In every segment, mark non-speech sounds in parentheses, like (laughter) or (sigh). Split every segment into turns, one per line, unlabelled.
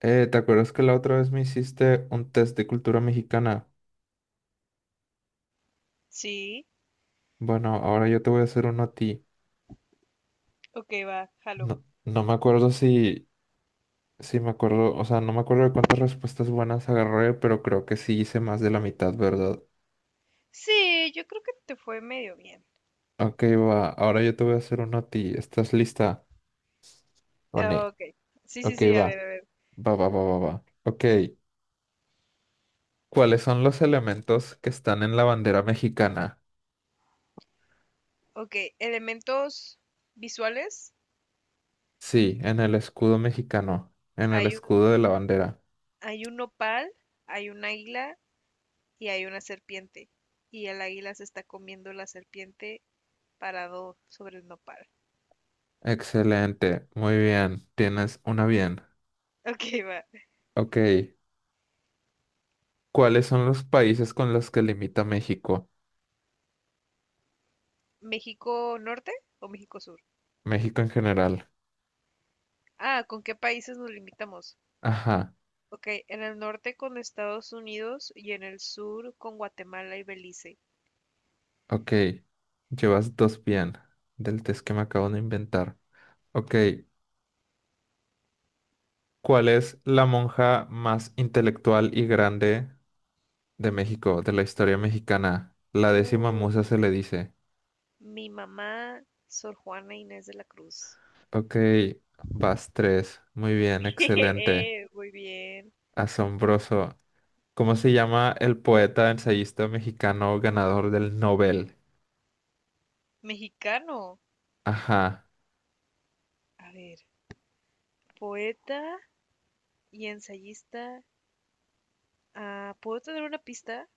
¿Te acuerdas que la otra vez me hiciste un test de cultura mexicana?
Sí,
Bueno, ahora yo te voy a hacer uno a ti.
ok, va, jalo.
No, no me acuerdo si me acuerdo, o sea, no me acuerdo de cuántas respuestas buenas agarré, pero creo que sí hice más de la mitad, ¿verdad?
Sí, yo creo que te fue medio bien.
Ok, va, ahora yo te voy a hacer uno a ti. ¿Estás lista? ¿O no?
Ah, ok, sí, sí,
Ok,
sí, a
va,
ver, a ver.
va, va, va, va, va. Ok, ¿cuáles son los elementos que están en la bandera mexicana?
Ok, elementos visuales.
Sí, en el escudo mexicano, en el
Hay un,
escudo de la bandera.
Hay un nopal, hay un águila y hay una serpiente. Y el águila se está comiendo la serpiente parado sobre el nopal.
Excelente, muy bien, tienes una bien.
Ok, va.
Ok, ¿cuáles son los países con los que limita México?
¿México norte o México sur?
México en general.
Ah, ¿con qué países nos limitamos?
Ajá,
Ok, en el norte con Estados Unidos y en el sur con Guatemala y Belice.
ok, llevas dos bien del test que me acabo de inventar. Ok, ¿cuál es la monja más intelectual y grande de México, de la historia mexicana? La décima musa
Uy,
se le dice.
mi mamá, Sor Juana Inés de la Cruz.
Ok, vas tres, muy bien,
(laughs)
excelente,
Muy bien.
asombroso. ¿Cómo se llama el poeta ensayista mexicano ganador del Nobel?
Mexicano.
Ajá.
A ver, poeta y ensayista. Ah, ¿puedo tener una pista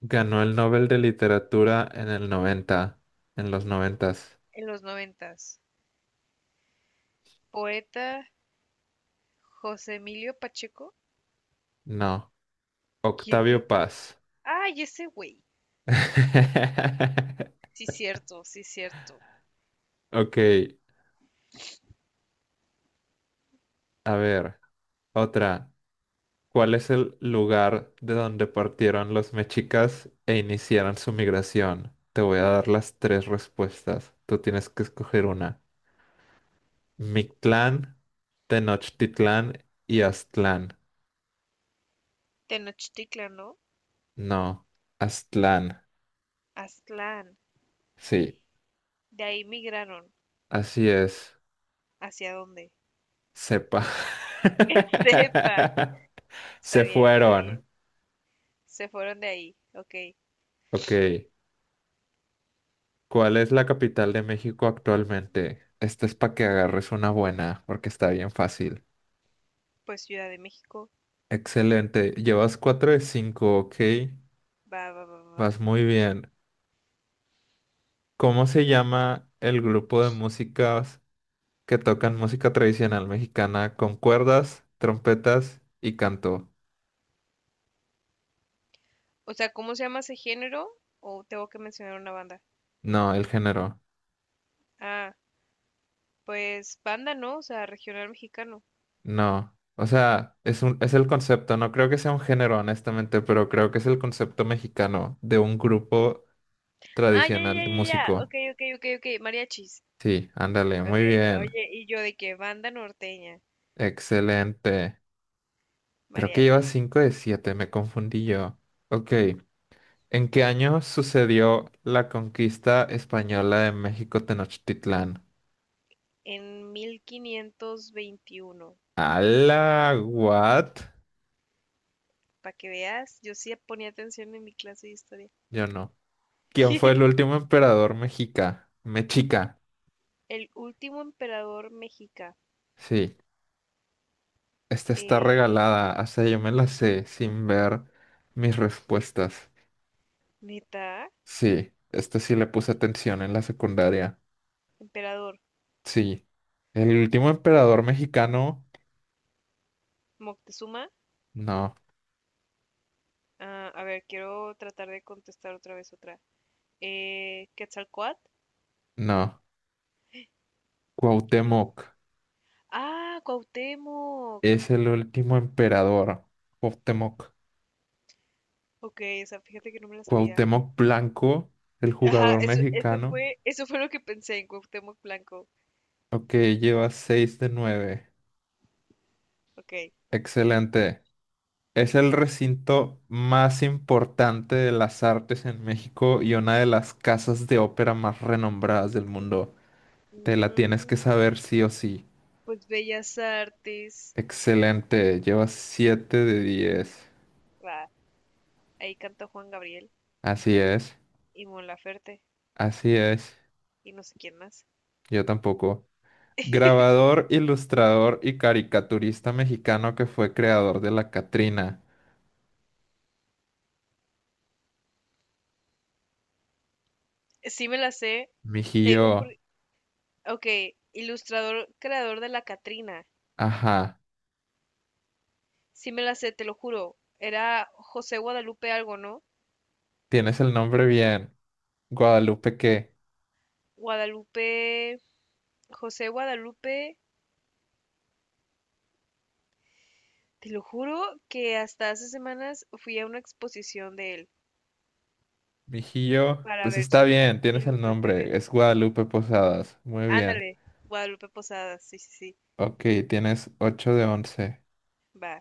Ganó
o
el
no?
Nobel de Literatura en el 90, en los noventas.
En los noventas. Poeta José Emilio Pacheco.
No.
¿Quién
Octavio
es?
Paz.
¡Ay, ese güey!
(laughs)
Sí, cierto, sí, cierto.
Ok, a ver, otra. ¿Cuál es el lugar de donde partieron los mexicas e iniciaron su migración? Te voy a dar las tres respuestas. Tú tienes que escoger una. Mictlán, Tenochtitlán y Aztlán.
Tenochtitlan, ¿no?
No, Aztlán.
Aztlán.
Sí,
De ahí migraron.
así es.
¿Hacia dónde?
Sepa.
(laughs) Sepa.
(laughs)
Está
Se
bien, está bien.
fueron.
Se fueron de ahí. Ok.
Ok. ¿Cuál es la capital de México actualmente? Esta es para que agarres una buena, porque está bien fácil.
Pues Ciudad de México,
Excelente. Llevas 4 de 5. Ok.
va, va, va, va.
Vas muy bien. ¿Cómo se llama el grupo de músicas que tocan música tradicional mexicana con cuerdas, trompetas y canto?
O sea, ¿cómo se llama ese género? ¿O tengo que mencionar una banda?
No, el género.
Ah, pues banda, ¿no? O sea, regional mexicano.
No, o sea, es un, es el concepto, no creo que sea un género, honestamente, pero creo que es el concepto mexicano de un grupo
Ah, ya, ya,
tradicional
ya,
de
ya, ya.
músico.
Ok, ok, ok, ok. Mariachis.
Sí, ándale,
Ok,
muy bien,
oye, y yo de que banda norteña,
excelente. Creo que lleva
mariachis.
5 de 7. Me confundí yo. Ok, ¿en qué año sucedió la conquista española de México Tenochtitlán?
En 1521.
¡Hala! ¿What?
Para que veas, yo sí ponía atención en mi clase de historia.
Yo no. ¿Quién fue el último emperador mexica? Mexica,
El último emperador mexica.
sí. Esta está
Eh,
regalada, o sea, yo me la sé sin ver mis respuestas.
neta,
Sí, esta sí le puse atención en la secundaria.
emperador
Sí. El
Mo-
último emperador mexicano.
Moctezuma.
No,
Ah, a ver, quiero tratar de contestar otra vez otra. ¿Quetzalcóatl?
no. Cuauhtémoc
Eh, Cuauhtémoc.
es el último emperador. Cuauhtémoc.
Ok, esa, fíjate que no me la sabía.
Cuauhtémoc Blanco, el
Ajá,
jugador
eso,
mexicano.
eso fue lo que pensé en Cuauhtémoc Blanco.
Ok, lleva 6 de nueve.
Ok.
Excelente. Es el recinto más importante de las artes en México y una de las casas de ópera más renombradas del mundo. Te la
Mm,
tienes que saber sí o sí.
pues Bellas Artes.
Excelente, llevas siete de 10.
Va, ahí canta Juan Gabriel
Así es,
y Mon Laferte
así es,
y no sé quién más.
yo tampoco. Grabador, ilustrador y caricaturista mexicano que fue creador de la Catrina.
Sí me la sé, te digo por...
Mijillo,
Ok, ilustrador, creador de la Catrina.
ajá,
Sí me la sé, te lo juro. Era José Guadalupe algo, ¿no?
tienes el nombre bien. Guadalupe, ¿qué?
Guadalupe, José Guadalupe, te lo juro que hasta hace semanas fui a una exposición de él
Mijillo,
para
pues
ver
está
sus
bien, tienes el
ilustraciones.
nombre, es Guadalupe Posadas, muy bien.
Ándale, Guadalupe Posadas, sí, sí, sí,
Ok, tienes ocho de 11.
va.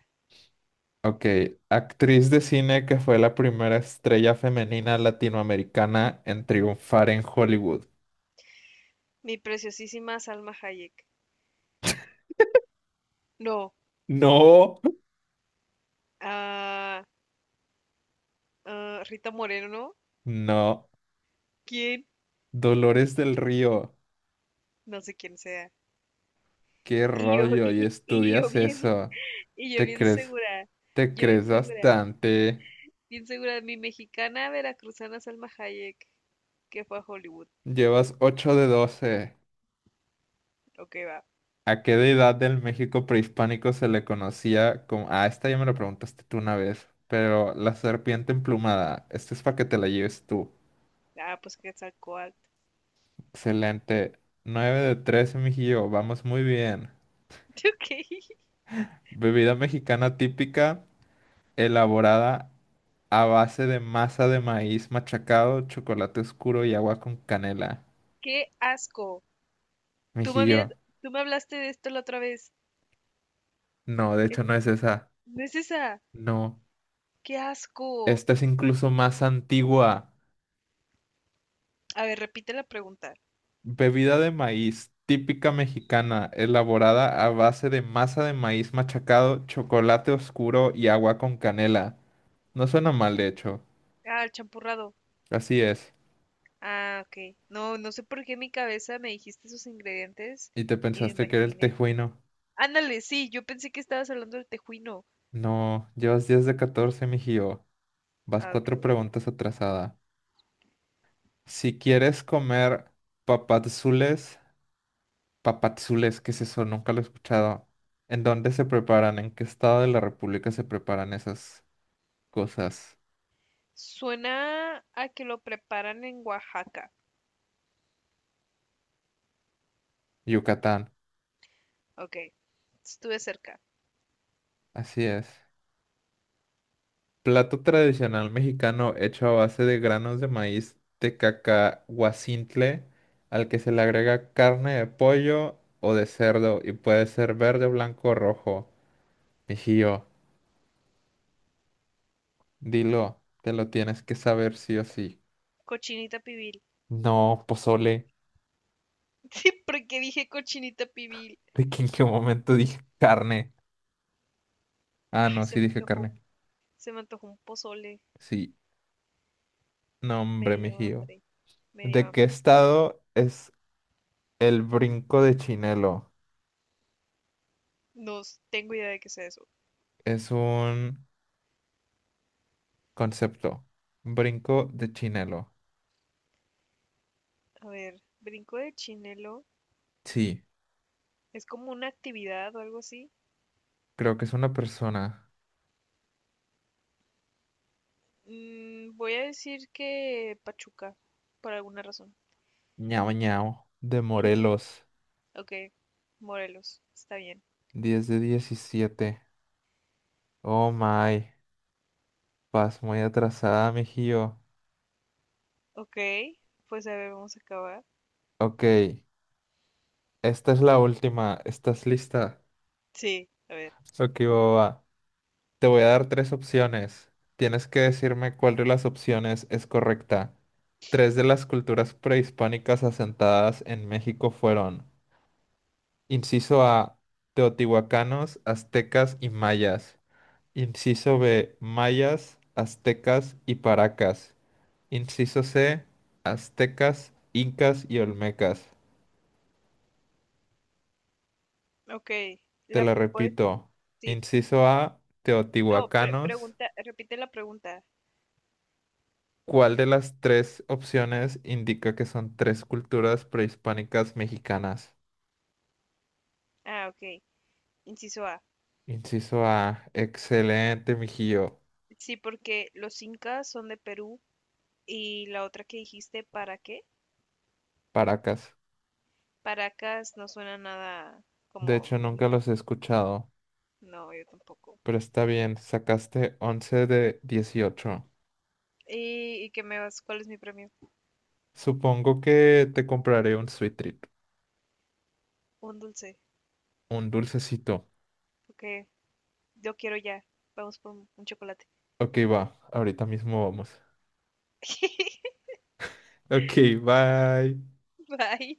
Ok, actriz de cine que fue la primera estrella femenina latinoamericana en triunfar en Hollywood.
Mi preciosísima Salma Hayek. No,
No,
ah, ah, Rita Moreno,
no,
¿quién?
Dolores del Río,
No sé quién sea.
qué
Y yo, (laughs)
rollo, y
y yo
estudias
bien,
eso.
y
Te crees, te
yo
crees bastante.
bien segura, mi mexicana veracruzana Salma Hayek, que fue a Hollywood.
Llevas ocho de 12.
Ok, va.
¿A qué deidad del México prehispánico se le conocía como... Ah, esta ya me la preguntaste tú una vez, pero la serpiente emplumada, esta es para que te la lleves tú.
Ah, pues Quetzalcóatl.
Excelente. Nueve de 13, mijillo, vamos muy bien.
(laughs) Ok,
Bebida mexicana típica, elaborada a base de masa de maíz machacado, chocolate oscuro y agua con canela.
qué asco. Tú me habías,
Mijillo,
tú me hablaste de esto la otra vez.
no, de
Es-
hecho no es esa.
No es esa.
No,
Qué asco.
esta es incluso más antigua.
A ver, repite la pregunta.
Bebida de maíz, típica mexicana, elaborada a base de masa de maíz machacado, chocolate oscuro y agua con canela. No suena mal, de hecho.
Ah, el champurrado.
Así es.
Ah, ok. No, no sé por qué en mi cabeza me dijiste esos ingredientes
¿Y te
y
pensaste
me
que era el
imaginé.
tejuino?
Ándale, sí, yo pensé que estabas hablando del tejuino.
No, llevas 10 de 14, mijío. Vas
Ah, ok,
cuatro
bueno.
preguntas atrasada. Si quieres comer papadzules, papadzules, ¿qué es eso? Nunca lo he escuchado. ¿En dónde se preparan? ¿En qué estado de la República se preparan esas cosas?
Suena a que lo preparan en Oaxaca.
Yucatán.
Ok, estuve cerca.
Así es. Plato tradicional mexicano hecho a base de granos de maíz tecacahuacintle, al que se le agrega carne de pollo o de cerdo y puede ser verde, blanco o rojo. Mijillo, dilo, te lo tienes que saber sí o sí.
Cochinita pibil.
No, pozole.
(laughs) Sí, porque dije cochinita
(laughs)
pibil.
¿De qué en qué momento dije carne? Ah,
Ay,
no,
se
sí
me
dije
antojó.
carne.
Se me antojó un pozole.
Sí, no,
Me
hombre,
dio
mijillo.
hambre. Me dio
¿De qué
hambre.
estado es el brinco de Chinelo?
No tengo idea de qué sea eso.
Es un concepto. Brinco de Chinelo.
A ver, brinco de chinelo.
Sí,
¿Es como una actividad o algo así?
creo que es una persona.
Mm, voy a decir que Pachuca, por alguna razón.
Ñao Ñao. De
¿Qué es eso?
Morelos.
Ok, Morelos, está bien.
10 de 17. Oh my. Vas muy atrasada, mijío.
Ok, pues a ver, vamos a acabar.
Ok. Esta es la última. ¿Estás lista?
Sí, a ver.
Ok, boba. Te voy a dar tres opciones. Tienes que decirme cuál de las opciones es correcta. Tres de las culturas prehispánicas asentadas en México fueron. Inciso A, teotihuacanos, aztecas y mayas. Inciso B, mayas, aztecas y paracas. Inciso C, aztecas, incas y olmecas.
Ok,
Te
la
lo
pues
repito.
sí.
Inciso A,
No,
teotihuacanos.
pregunta, repite la pregunta.
¿Cuál de las tres opciones indica que son tres culturas prehispánicas mexicanas?
Ah, ok. Inciso A.
Inciso A, excelente, mijillo.
Sí, porque los incas son de Perú. Y la otra que dijiste, ¿para qué?
Paracas.
Paracas no suena nada
De
como
hecho, nunca
mexicano.
los he escuchado.
No, yo tampoco.
Pero está bien, sacaste 11 de 18.
Y qué me vas? ¿Cuál es mi premio?
Supongo que te compraré un sweet treat,
Un dulce.
un dulcecito.
Ok, yo quiero ya. Vamos por un chocolate.
Ok, va, ahorita mismo vamos.
(laughs)
Ok, bye.
Bye.